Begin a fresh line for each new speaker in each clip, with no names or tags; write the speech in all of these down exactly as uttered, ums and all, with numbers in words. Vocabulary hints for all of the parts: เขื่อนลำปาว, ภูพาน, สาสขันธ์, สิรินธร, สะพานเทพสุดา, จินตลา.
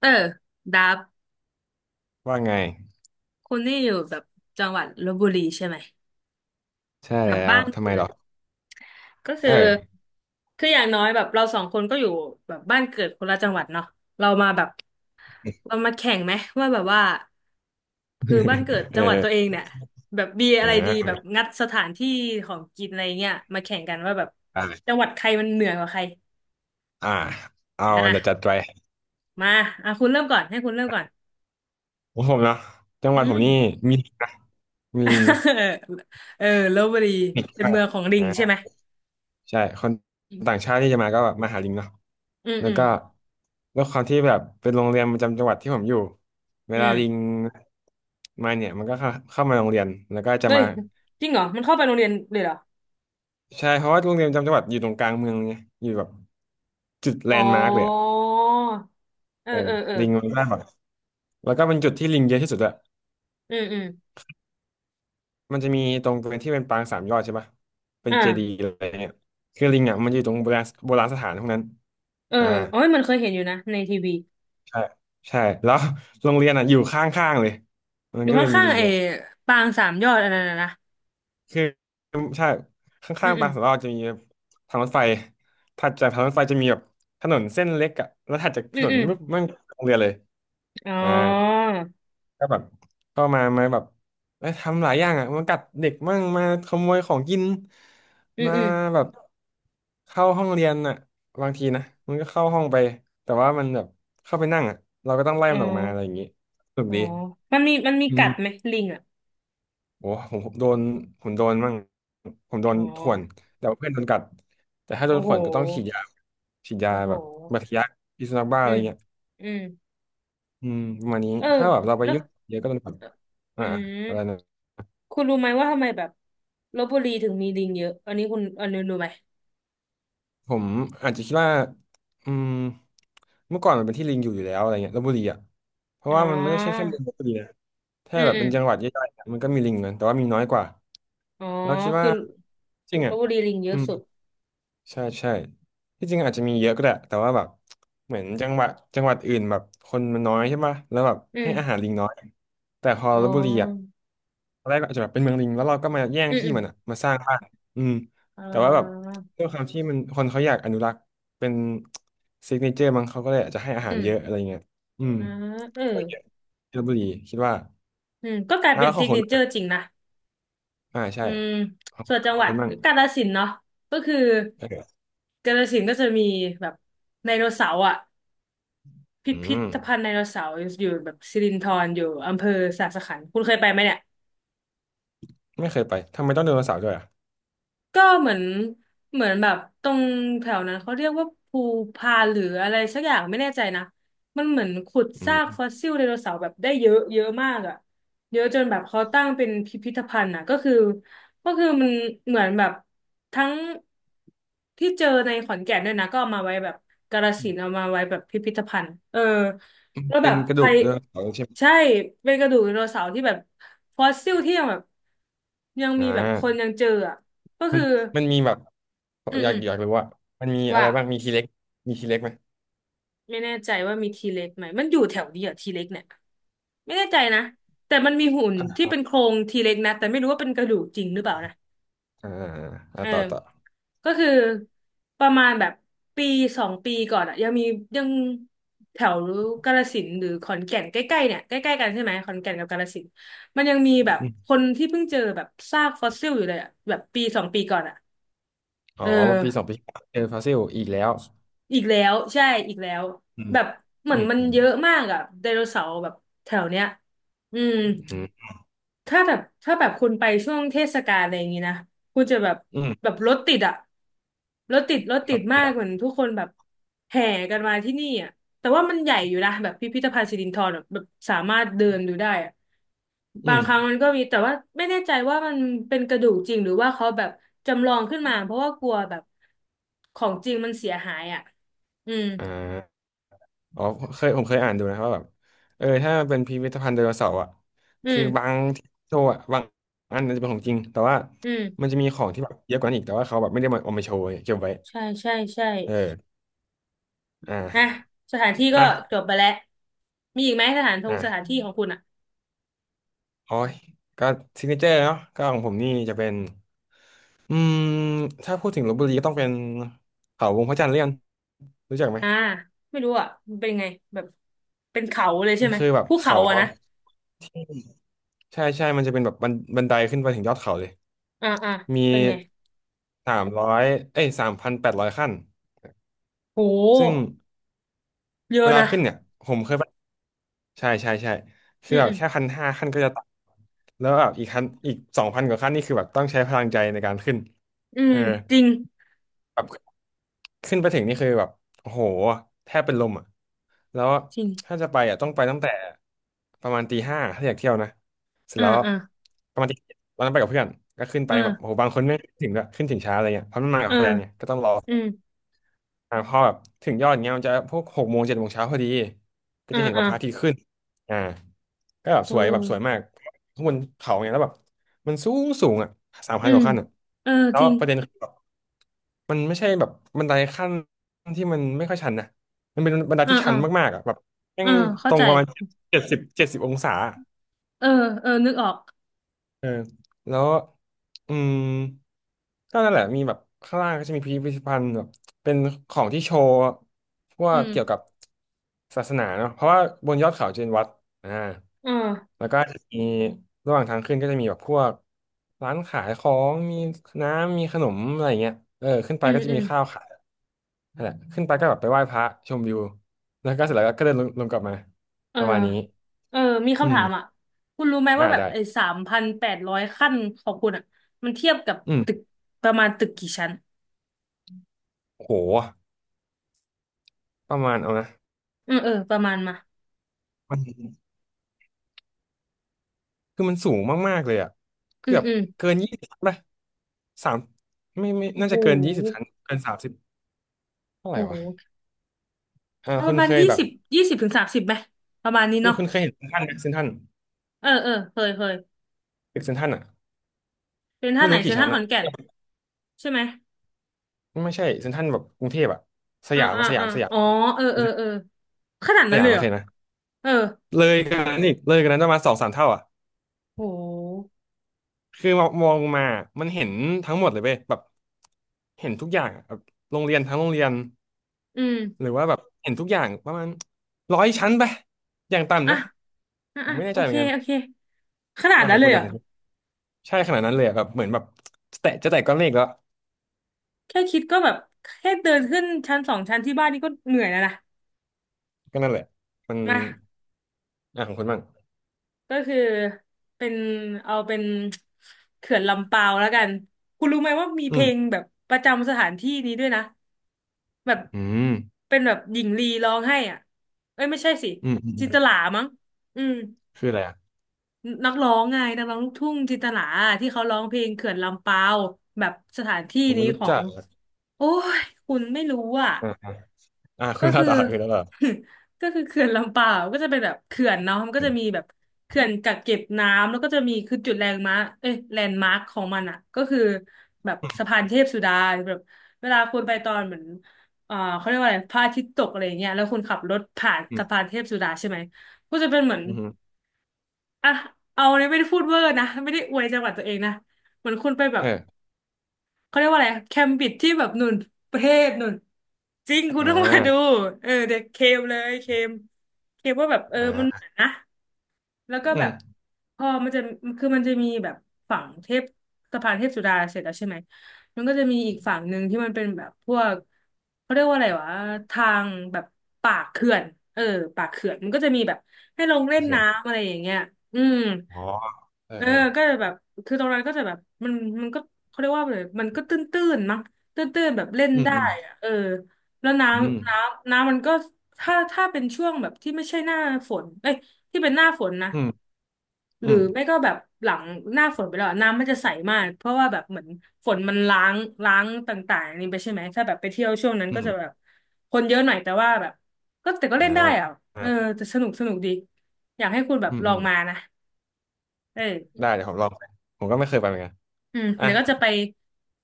เออดับ
ว่าไง
คุณนี่อยู่แบบจังหวัดลพบุรีใช่ไหม
ใช่
แบ
แล้
บบ้า
ว
น
ทำไม
เกิ
หร
ด
อ
ก็คื
เอ
อ
อ
คืออย่างน้อยแบบเราสองคนก็อยู่แบบบ้านเกิดคนละจังหวัดเนาะเรามาแบบเรามาแข่งไหมว่าแบบว่าคือบ้านเกิด
เอ
จังหวัด
อ
ตัวเองเนี่ยแบบมี
เอ
อะไรดี
อเอ
แบบ
อ
งัดสถานที่ของกินอะไรเงี้ยมาแข่งกันว่าแบบ
ได้เลย
จังหวัดใครมันเหนือกว่าใคร
อ่าเอาเดี๋ยวจัด
อ่ะ
ไป
มาอ่ะคุณเริ่มก่อนให้คุณเริ่มก่อน
ของผมเนาะจังห
อื
วัดผมนี่
ม
มี ลิงนะมีลิง
เออลพบุรี
ติด
เป็น
มา
เมื
ก
องของลิง
อ่า
ใช่ไหม
ใช่คน
อื
ต่าง
ม
ชาติที่จะมาก็แบบมาหาลิงเนาะ
อืม
แล้
อ
วก็ด้วยความที่แบบเป็นโรงเรียนประจำจังหวัดที่ผมอยู่เว
ื
ลาลิง
ม
มาเนี่ยมันก็เข้าเข้ามาโรงเรียนแล้วก็จะ
เฮ้ย
มา
จริงเหรอมันเข้าไปโรงเรียนเลยเหรอ
ใช่เพราะว่าโรงเรียนประจำจังหวัดอยู่ตรงกลางเมืองไงอยู่แบบจุดแล
อ๋อ
นด์มาร์กเลยอะ
เออ
เออ
เออเออ
ลิงมันก็แบบ แล้วก็เป็นจุดที่ลิงเยอะที่สุดอะ
อืมอืม
มันจะมีตรงบริเวณที่เป็นปางสามยอดใช่ปะเป็นเจดีย์
อ่า
อะไรเงี้ยคือลิงอะมันอยู่ตรงโบราณโบราณสถานพวกนั้น
เออ
อ่า
โอ้ยมันเคยเห็นอยู่นะในทีวี
ใช่ใช่แล้วโรงเรียนอะอยู่ข้างๆเลยมั
อ
น
ยู่
ก็เลยมี
ข้าง
ลิง
ๆไอ้
เยอะ
ปางสามยอดอันนั้นนะนะ
คือใช่ข
อื
้า
ม
งๆ
อื
ปา
ม
งสามยอดจะมีทางรถไฟถัดจากทางรถไฟจะมีแบบถนนเส้นเล็กอะแล้วถัดจาก
อื
ถ
ม
นน
อืม
ปุ๊บมันโรงเรียนเลย
อ๋
อ่า
อ
ก็แบบก็มามาแบบเอ้ยทำหลายอย่างอ่ะมากัดเด็กมั่งมาขโมยของกิน
อืม
มา
อืม
แบบเข้าห้องเรียนอ่ะบางทีนะมันก็เข้าห้องไปแต่ว่ามันแบบเข้าไปนั่งอ่ะเราก็ต้องไล่
อ๋อ
มันออกมาอะไรอย่างงี้สนุก
อ๋อ
ดี
มันมีมันมี
อื
กัดไหม
ม
ลิงอ่ะ
โอ้ผมผมโดนผมโดนมั่งผมโดน
อ๋อ
ข่วนแต่ว่าเพื่อนโดนกัดแต่ถ้าโด
โอ้
น
โห
ข่วนก็ต้องฉีดยาฉีดยา
โอ้โห
แบบบาดทะยักพิษสุนัขบ้าอะ
อื
ไร
ม
เงี้ย
อืม
อืมประมาณนี้
เออ
ถ้าแบบเราไป
แล้ว
ยุ่งเยอะก็โดนกัด
อื
อ่าๆ
ม
อะไรนะ
คุณรู้ไหมว่าทำไมแบบลพบุรีถึงมีลิงเยอะอันนี้คุณอันนี้รู้ไหม
ผมอาจจะคิดว่าอืมเมื่อก่อนมันเป็นที่ลิงอยู่อยู่แล้วอะไรเงี้ยลพบุรีอ่ะเพ
อ๋
ราะว่ามันไม่ได้ใช่
อ
แค่เมืองลพบุรีนะ
อื
ถ้า
ม
แบบ
อื
เป็
ม
นจังหวัดย่อยๆอะมันก็มีลิงนะแต่ว่ามีน้อยกว่า
อ๋อ
เราคิด
คื
ว่า
อ
จริง
ลพ
อ่ะ
บุรีลิงเย
อื
อะ
ม
สุด
ใช่ใช่ที่จริงอาจจะมีเยอะก็ได้แต่ว่าแบบเหมือนจังหวัดจังหวัดอื่นแบบคนมันน้อยใช่ปะแล้วแบบ
อื
ให้อาหาร
ม
ลิงน้อยแต่พอ
อ๋
ลพบุรีอ่ะ
อ
ตอนแรกก็อาจจะแบบเป็นเมืองลิงแล้วเราก็มาแย่ง
อืม
ที่
อืม
มันอ่ะมาสร้างบ้านอืม
อ่
แต่ว่าแบบ
า
ด้วยความที่มันคนเขาอยากอนุรักษ์เป็นซิกเนเจอร์มั้งเขาก็เลยอาจจะให้อา
อื
หารเยอะอะ
ม
ไรเงี้ยอืม
อ่าเออ
ก็เยอะที่ลพบุรีคิดว่า
อืมก็กลาย
อ่ะ
เป็น
แล้วขอ
ซิ
ง
ก
ค
เน
นบ้า
เจ
ง
อร์จริ
อะ
งนะ
อ่าใช่
อืม
ของ
ส่วนจั
ข
ง
อ
ห
ง
วั
ค
ด
นบ้าง
กาฬสินธุ์เนาะก็คือ
เออ
กาฬสินธุ์ก็จะมีแบบไดโนเสาร์อ่ะ พิ
อื
พิ
ม
ธภัณฑ์ไดโนเสาร์อยู่แบบสิรินธรอยู่อำเภอสาสขันธ์คุณเคยไปไหมเนี่ย
ไม่เคยไปทำไมต้องเดินเสาร์ด้วยอ่ะ
ก็เหมือนเหมือนแบบตรงแถวนั้นเขาเรียกว่าภูพานหรืออะไรสักอย่างไม่แน่ใจนะมันเหมือนขุดซากฟอสซิลไดโนเสาร์แบบได้เยอะเยอะมากอ่ะเยอะจนแบบเขาตั้งเป็นพิพิธภัณฑ์อ่ะก็คือก็คือมันเหมือนแบบทั้งที่เจอในขอนแก่นด้วยนะก็เอามาไว้แบบกาฬสินธุ์เอามาไว้แบบพิพิธภัณฑ์เออแล้วแบ
เป็น
บ
กระ
ใค
ดู
ร
กไดโนเสาร์ใช่ไหม
ใช่เป็นกระดูกไดโนเสาร์ที่แบบฟอสซิลที่ยังแบบยัง
อ่
มีแบบคน
า
ยังเจออ่ะ ก็
มั
คื
น
อ
มันมีแบบ
อืม
อยา
อื
ก
ม
อยากรู้ว่ามันมีอะ
ว่า
ไรบ้างมีทีเล็กมีทีเล็กไหม
ไม่แน่ใจว่ามีทีเล็กไหมมันอยู่แถวนี้เหรอ่ะทีเล็กเนี่ยไม่แน่ใจนะแต่มันมีหุ่นที่เป็นโครงทีเล็กนะแต่ไม่รู้ว่าเป็นกระดูกจริงหรือเปล่านะ
อ่าอ่ะ
เออ
ต่อต่อ
ก็คือประมาณแบบปีสองปีก่อนอะยังมียังแถวกาฬสินธุ์หรือขอนแก่นใกล้ๆเนี่ยใกล้ๆกันใช่ไหมขอนแก่นกับกาฬสินธุ์มันยังมีแบบ
อืม
คนที่เพิ่งเจอแบบซากฟอสซิลอยู่เลยอะแบบปีสองปีก่อนอะ
อ๋อ
เอ
ปีสอง
อ
ปีเจอฟอสซิลอีกแล้ว
อีกแล้วใช่ อีกแล้ว
อืม
แบบเหมื
อื
อน
ม
มัน
อืม
เยอะมากอะไดโนเสาร์แบบแถวเนี้ยอืม
อืม
ถ้าแบบถ้าแบบคุณไปช่วงเทศกาลอะไรอย่างงี้นะคุณจะแบบ
อืม
แบบรถติดอะรถติดรถติ
เข้า
ด
ใจ
มากเหมื
แล้
อน
ว
ทุกคนแบบแห่กันมาที่นี่อะแต่ว่ามันใหญ่อยู่นะแบบพิพิธภัณฑ์สิรินธรแบบแบบสามารถเดินดูได้อะ
อื
บาง
ม
ครั้งมันก็มีแต่ว่าไม่แน่ใจว่ามันเป็นกระดูกจริงหรือว่าเขาแบบจำลองขึ้นมาเพราะว่ากลัวแบบของจริงมันเสียหายอะอืม
อ่าอ๋อเคยผมเคยอ่านดูนะว่าแบบเออถ้ามันเป็นพิพิธภัณฑ์ไดโนเสาร์อ่ะ
อื
คือบา
ม
งที่โชว์อ่ะบางอันนันจะเป็นของจริงแต่ว่า
อื
มัน
ม
จะมีของที่แบบเยอะกว่านั้นอีกแต่ว่าเขาแบบไม่ได้มาเอามาโชว์เก็บไว้
ใช่ใช่ใช่
เออ
น่ะ
อ่า
สถานที่ก็
อ่ะ
จบไปแล้วมีอีกไหมสถานทงสถาน
อ่ะ
ที่ของคุณอ่ะ
โอ้ยก็ซิกเนเจอร์เนาะก็ของผมนี่จะเป็นอืมถ้าพูดถึงลพบุรีก็ต้องเป็นเขาวงพระจันทร์เลี่ยนรู้จักไหม
อ่าไม่รู้อ่ะมันเป็นไงแบบเป็นเขาเลย
มั
ใช่
น
ไหม
คือแบบ
ภูเขา
เขา
อ่ะ
อะ
นะ
ใช่ใช่มันจะเป็นแบบบันบันไดขึ้นไปถึงยอดเขาเลย
อ่าอ่า
มี
เป็นไง
สามร้อยเอ้ยสามพันแปดร้อยขั้น
โ
ซึ่ง
หเย
เว
อะ
ลา
นะ
ขึ้นเนี่ยผมเคยไปใช่ใช่ใช่คื
อื
อ
ม
แบบ
อืม
แค่พันห้าขั้นก็จะตายแล้วแบบอีกขั้นอีกสองพันกว่าขั้นนี่คือแบบต้องใช้พลังใจในการขึ้น
อื
เอ
ม
อ
จริง
แบบ ขึ้นไปถึงนี่คือแบบโอ้โหแทบเป็นลมอ่ะแล้ว
จริง
ถ้าจะไปอ่ะต้องไปตั้งแต่ประมาณตีห้าถ้าอยากเที่ยวนะเสร็จ
อ่า
แล้ว
อ่า
ประมาณตีวันนั้นไปกับเพื่อนก็ขึ้นไป
อ่
แบบโอ้
า
โหบางคนไม่ถึงด้วยขึ้นถึงช้าอะไรเงี้ยเพราะมันมา
เอ
กับ
อ
แฟนเนี่ยก็ต้องรอ
อืม
อ่าพอแบบถึงยอดเงี้ยมันจะพวกหกโมงเจ็ดโมงเช้าพอดีก็
อ่า
จะเห็นแบ
อ่า
บพระอาทิตย์ขึ้นอ่าก็แบบ
เอ
สวยแบบสวยมาก
อ
ข้างบนเขาเนี่ยแล้วแบบมันสูงสูงอ่ะสาม
อื
พันก
ม
ว่าขั้นอ่ะ
เออ
แล้
จ
ว
ริง
ประเด็นคือแบบ มันไม่ใช่แบบบันไดขั้นที่มันไม่ค่อยชันนะมันเป็นบันได
อ่า
ที่ชั
อ่า
นมากๆอ่ะแบบแม่
อ่า
งต
เข้า
รง
ใจ
ประมาณเจ็ดสิบเจ็ดสิบองศาอะ
เออเออนึกออก
เออแล้วอืมก็นั่นแหละมีแบบข้างล่างก็จะมีพิพิธภัณฑ์แบบเป็นของที่โชว์พว
อื
ก
ม
เกี่ยวกับศาสนาเนาะเพราะว่าบนยอดเขาจะเป็นวัดอ่า
เออ
แล้วก็จะมีระหว่างทางขึ้นก็จะมีแบบพวกร้านขายของมีน้ำมีขนมอะไรอย่างเงี้ยเออขึ้นไป
อืม
ก็จะ
อื
มี
ม
ข้าวขาย นั่นแหละขึ้นไปก็แบบไปไหว้พระชมวิวแล้วก็เสร็จแล้วก็เดินลงลงกลับมา
เออ
ประมาณนี้
เออมี
อื
คำถา
ม
มอ่ะคุณรู้ไหม
อ่า
ว่าแบบ
ได้
ไอ้สามพันแปดร้อยขั้นของคุณอ่ะมันเทียบกับ
อื
ตึก
ม
ประมาณตึกกี่ชั้น
โอ้โหประมาณเอานะ
อืมเออประมาณมา
มันคือมันสูงมากๆเลยอ่ะ
อื
เกื
ม
อบ
อืม
เกินยี่สิบป่ะสามไม่ไม่
โอ้
น่า
โห
จะเกินยี่สิบชั้นเกินสามสิบเท่าไหร่
โอ้
วะ
โห
อ่า
เอาป
คุ
ระ
ณ
มา
เค
ณ
ย
ยี่
แบบ
สิบยี่สิบถึงสามสิบไหมประมาณนี้
คุณ
เนาะ
คุณเคยเห็นเซ็นทรัลไหมเซ็นทรัล
เออเออเคยเคย
ตึกเซ็นทรัลอ่ะ
เป็นท่า
ไม่
ไหน
รู้
เซ็
กี่
นทรั
ชั้
ล
น
ขอ
อ่ะ
นแก่นใช่ไหม
ไม่ใช่เซ็นทรัลแบบกรุงเทพอ่ะส
อ่า
ยาม
อ่า
มาสยา
อ่า
มสยาม
อ๋อเออเออเออขนาด
ส
นั้น
ยา
เล
ม
ยเห
มา
ร
เค
อ
ยนะ
เออ
เลยกันนั้นอีกเลยกันนั้นประมาณสองสามเท่าอ่ะ
โห
คือมองลงมามันเห็นทั้งหมดเลยเว้ยแบบเห็นทุกอย่างอะแบบโรงเรียนทั้งโรงเรียน
อื
หรื
ม
อว่าแบบเห็นทุกอย่างประมาณร้อยชั้นไปอย่าง
อ่ะ
ต่ำนะ
อ่ะ
ผม
อ่ะ
ไม่แน่
โอ
ใจเห
เค
มือนกัน
โอเคขนาด
อ่ะข
นั้
อ
น
ง
เล
คุณ
ยเห
นะ
รอ
ของคุณใช่ขนาดนั้นเลยอะแบบเหมือนแบบจะแตะจะแตะก้อนเมฆแล้ว
แค่คิดก็แบบแค่เดินขึ้นชั้นสองชั้นที่บ้านนี่ก็เหนื่อยแล้วนะ
ก็นั่นแหละมัน
มา
อ่ะของคุณบ้าง
ก็คือเป็นเอาเป็นเขื่อนลำปาวแล้วกันคุณรู้ไหมว่ามีเพ
อืม
ลงแบบประจำสถานที่นี้ด้วยนะแบบ
อืม
เป็นแบบหญิงลีร้องให้อ่ะเอ้ยไม่ใช่สิ
อืมอืมอื
จิน
ม
ตลามั้งอืม
คืออะไรอ่ะ
นักร้องไงนักร้องลูกทุ่งจินตลาที่เขาร้องเพลงเขื่อนลำปาวแบบสถานที่
ผม
นี้
ไม่รู้
ขอ
จั
ง
กอะ
โอ้ยคุณไม่รู้อ่ะ
อ่าอ่าอ่าคุ
ก็
ณเล่า
คือ
ต่อคุณเล่าต่อ
ก็คือเขื่อนลำเปล่าก็จะเป็นแบบเขื่อนเนาะมันก็
อื
จะมี
ม
แบบเขื่อนกักเก็บน้ำแล้วก็จะมีคือจุดแลนด์มาร์คเอ้ยแลนด์มาร์คของมันอะก็คือแบบสะพานเทพสุดาแบบเวลาคุณไปตอนเหมือนเอ่อเขาเรียกว่าอะไรพระอาทิตย์ตกอะไรอย่างเงี้ยแล้วคุณขับรถผ่าน
อืม
สะพานเทพสุดาใช่ไหมก็จะเป็นเหมือน
อืม
อ่ะเอาเนี่ยไม่ได้พูดเวอร์นะไม่ได้อวยจังหวัดตัวเองนะเหมือนคุณไปแบบ
เออ
เขาเรียกว่าอะไร แคมบิดที่แบบหนุนประเทศหนุนจริงคุณ
อ่า
ต้องมาดู เออเด็กเคมเลยเคมเคมว่าแบบเออ
อ่
มันเห
า
มือนนะ แล้วก็
อื
แบ
ม
บพอมันจะคือมันจะมีแบบฝั่งเทพสะพานเทพสุดาเสร็จแล้วใช่ไหมมันก็จะมีอีกฝั่งหนึ่งที่มันเป็นแบบพวกเขาเรียกว่าอะไรวะทางแบบปากเขื่อนเออปากเขื่อนมันก็จะมีแบบให้ลงเล่น
เขื่อน
น้ำอะไรอย่างเงี้ยอืม
อ๋อเออ
เออ
เออ
ก็จะแบบคือตรงนั้นก็จะแบบมันมันก็เขาเรียกว่าอะไรมันก็ตื้นๆมั้งตื้นๆแบบเล่น
อืม
ได้
อืม
อะเออแล้วน้
อืม
ำน้ำน้ำมันก็ถ้าถ้าเป็นช่วงแบบที่ไม่ใช่หน้าฝนเอ้ย ที่เป็นหน้าฝนนะ
อืม
ห
อื
รือ
ม
ไม่ก็แบบหลังหน้าฝนไปแล้วอะน้ำมันจะใสมากเพราะว่าแบบเหมือนฝนมันล้างล้างต่างๆอันนี่ไปใช่ไหมถ้าแบบไปเที่ยวช่วงนั้น
อื
ก็จะแบบ
ม
คนเยอะหน่อยแต่ว่าแบบก็แต่ก็
อ่า
เล่นได้อ่ะเออ
อ่า
แต่สนุกสนุกดีอยากให้คุณแบบ
อืม
ลอ
อื
ง
ม
มานะเออ
ได้เดี๋ยวผมลองไปผมก็ไม่เคยไปเหมือนกัน
อืม
อ่ะ
เดี๋ยวก็จะไป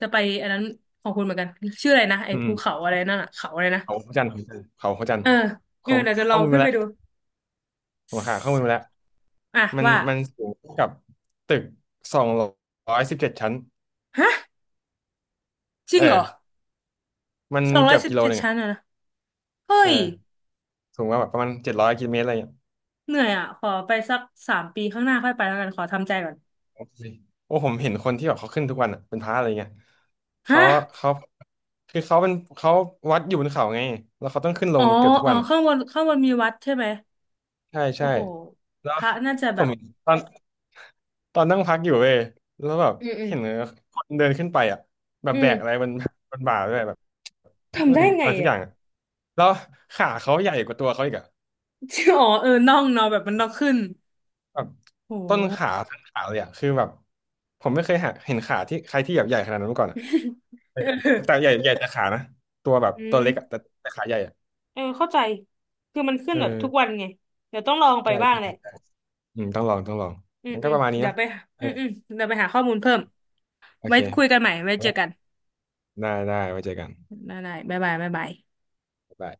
จะไปอันนั้นของคุณเหมือนกันชื่ออะไรนะไอ้
อื
ภูเขา
ม
อะไรนั่นอ่ะเขาอะไรนะ
เขาพระจันทร์เขาพระจันท
เอ
ร์
อเอ
ผ
อ
ม
เดี๋ยวจะล
ข้
อ
อ
ง
มูล
ขึ้น
มา
ไป
แล้ว
ดู
ผมหาข้อ
ส
มูลมาแล้ว
อ่ะ
มัน
ว่า
มันสูงกับตึกสองร้อยสิบเจ็ดชั้น
ฮะจริ
เอ
งเหร
อ
อ
มัน
สองร้อ
เกื
ย
อบ
สิบ
กิโล
เจ็
ห
ด
นึ่งอ่ะ
ชั้นอะนะเฮ้
เออ
ย
สูงกว่าแบบประมาณเจ็ดร้อยกิโลเมตรอะไรเงี้ย
เหนื่อยอ่ะขอไปสักสามปีข้างหน้าค่อยไปแล้วกันขอทำใจก่อน
โอ้โหโอ้ผมเห็นคนที่แบบเขาขึ้นทุกวันอ่ะเป็นพระอะไรเงี้ย
ฮะ
เขาเขาคือเขาเป็นเขาวัดอยู่บนเขาไงแล้วเขาต้องขึ้นล
อ๋อ
งเกือบทุก
อ๋อ
วัน
ข้างบนข้างบนมีวัดใช่ไหม
ใช่
โอ้
ใช่
โห
แล้
พ
ว
ระน่าจะ
ผ
แบ
ม
บ
เห็นตอนตอนนั่งพักอยู่เว้ยแล้วแบบ
อืมอืม
เห็นคนเดินขึ้นไปอ่ะแบบ
อื
แบ
ม
กอะไรมัน มันบ่าด้วยแบบน่า
ทำ
จะ
ได้
เป็น
ไง
อะไรสักอ
อ่ะ
ย่างอะแล้วขาเขาใหญ่กว่าตัวเขาอีกอ่ะ
อ๋อเออน่องเนาะแบบมันน่องขึ้น
แบบ
โ
ต้น
ห
ขาทั้งขาเลยอ่ะคือแบบผมไม่เคยหาเห็นขาที่ใครที่แบบใหญ่ขนาดนั้นมาก่อนอ่ะ
เ
แต่
ออ
ใหญ่ใหญ่แต่ขานะตัวแบบ
อื
ตัวเล็กอ่ะ
ม
แต่แต่ขาใหญ่อ่ะ
เออเข้าใจคือมันขึ้น
เออ
แบบทุกวันไงเดี๋ยวต้องลองไป
ใช่
บ้าง
ใช่
แหละ
ใช่อืมต้องลองต้องลอง
อืม
งั้น
อื
ก็
ม
ประมาณนี้
เดี๋ย
นะ
วไป
เอ
อื
อ
มอืมเดี๋ยวไปหาข้อมูลเพิ่ม
โอ
ไว้
เค
คุยกันใหม่ไว้เจอกัน
ได้ได้ไว้เจอกัน
ได้ได้บ๊ายบายบ๊ายบาย
ได้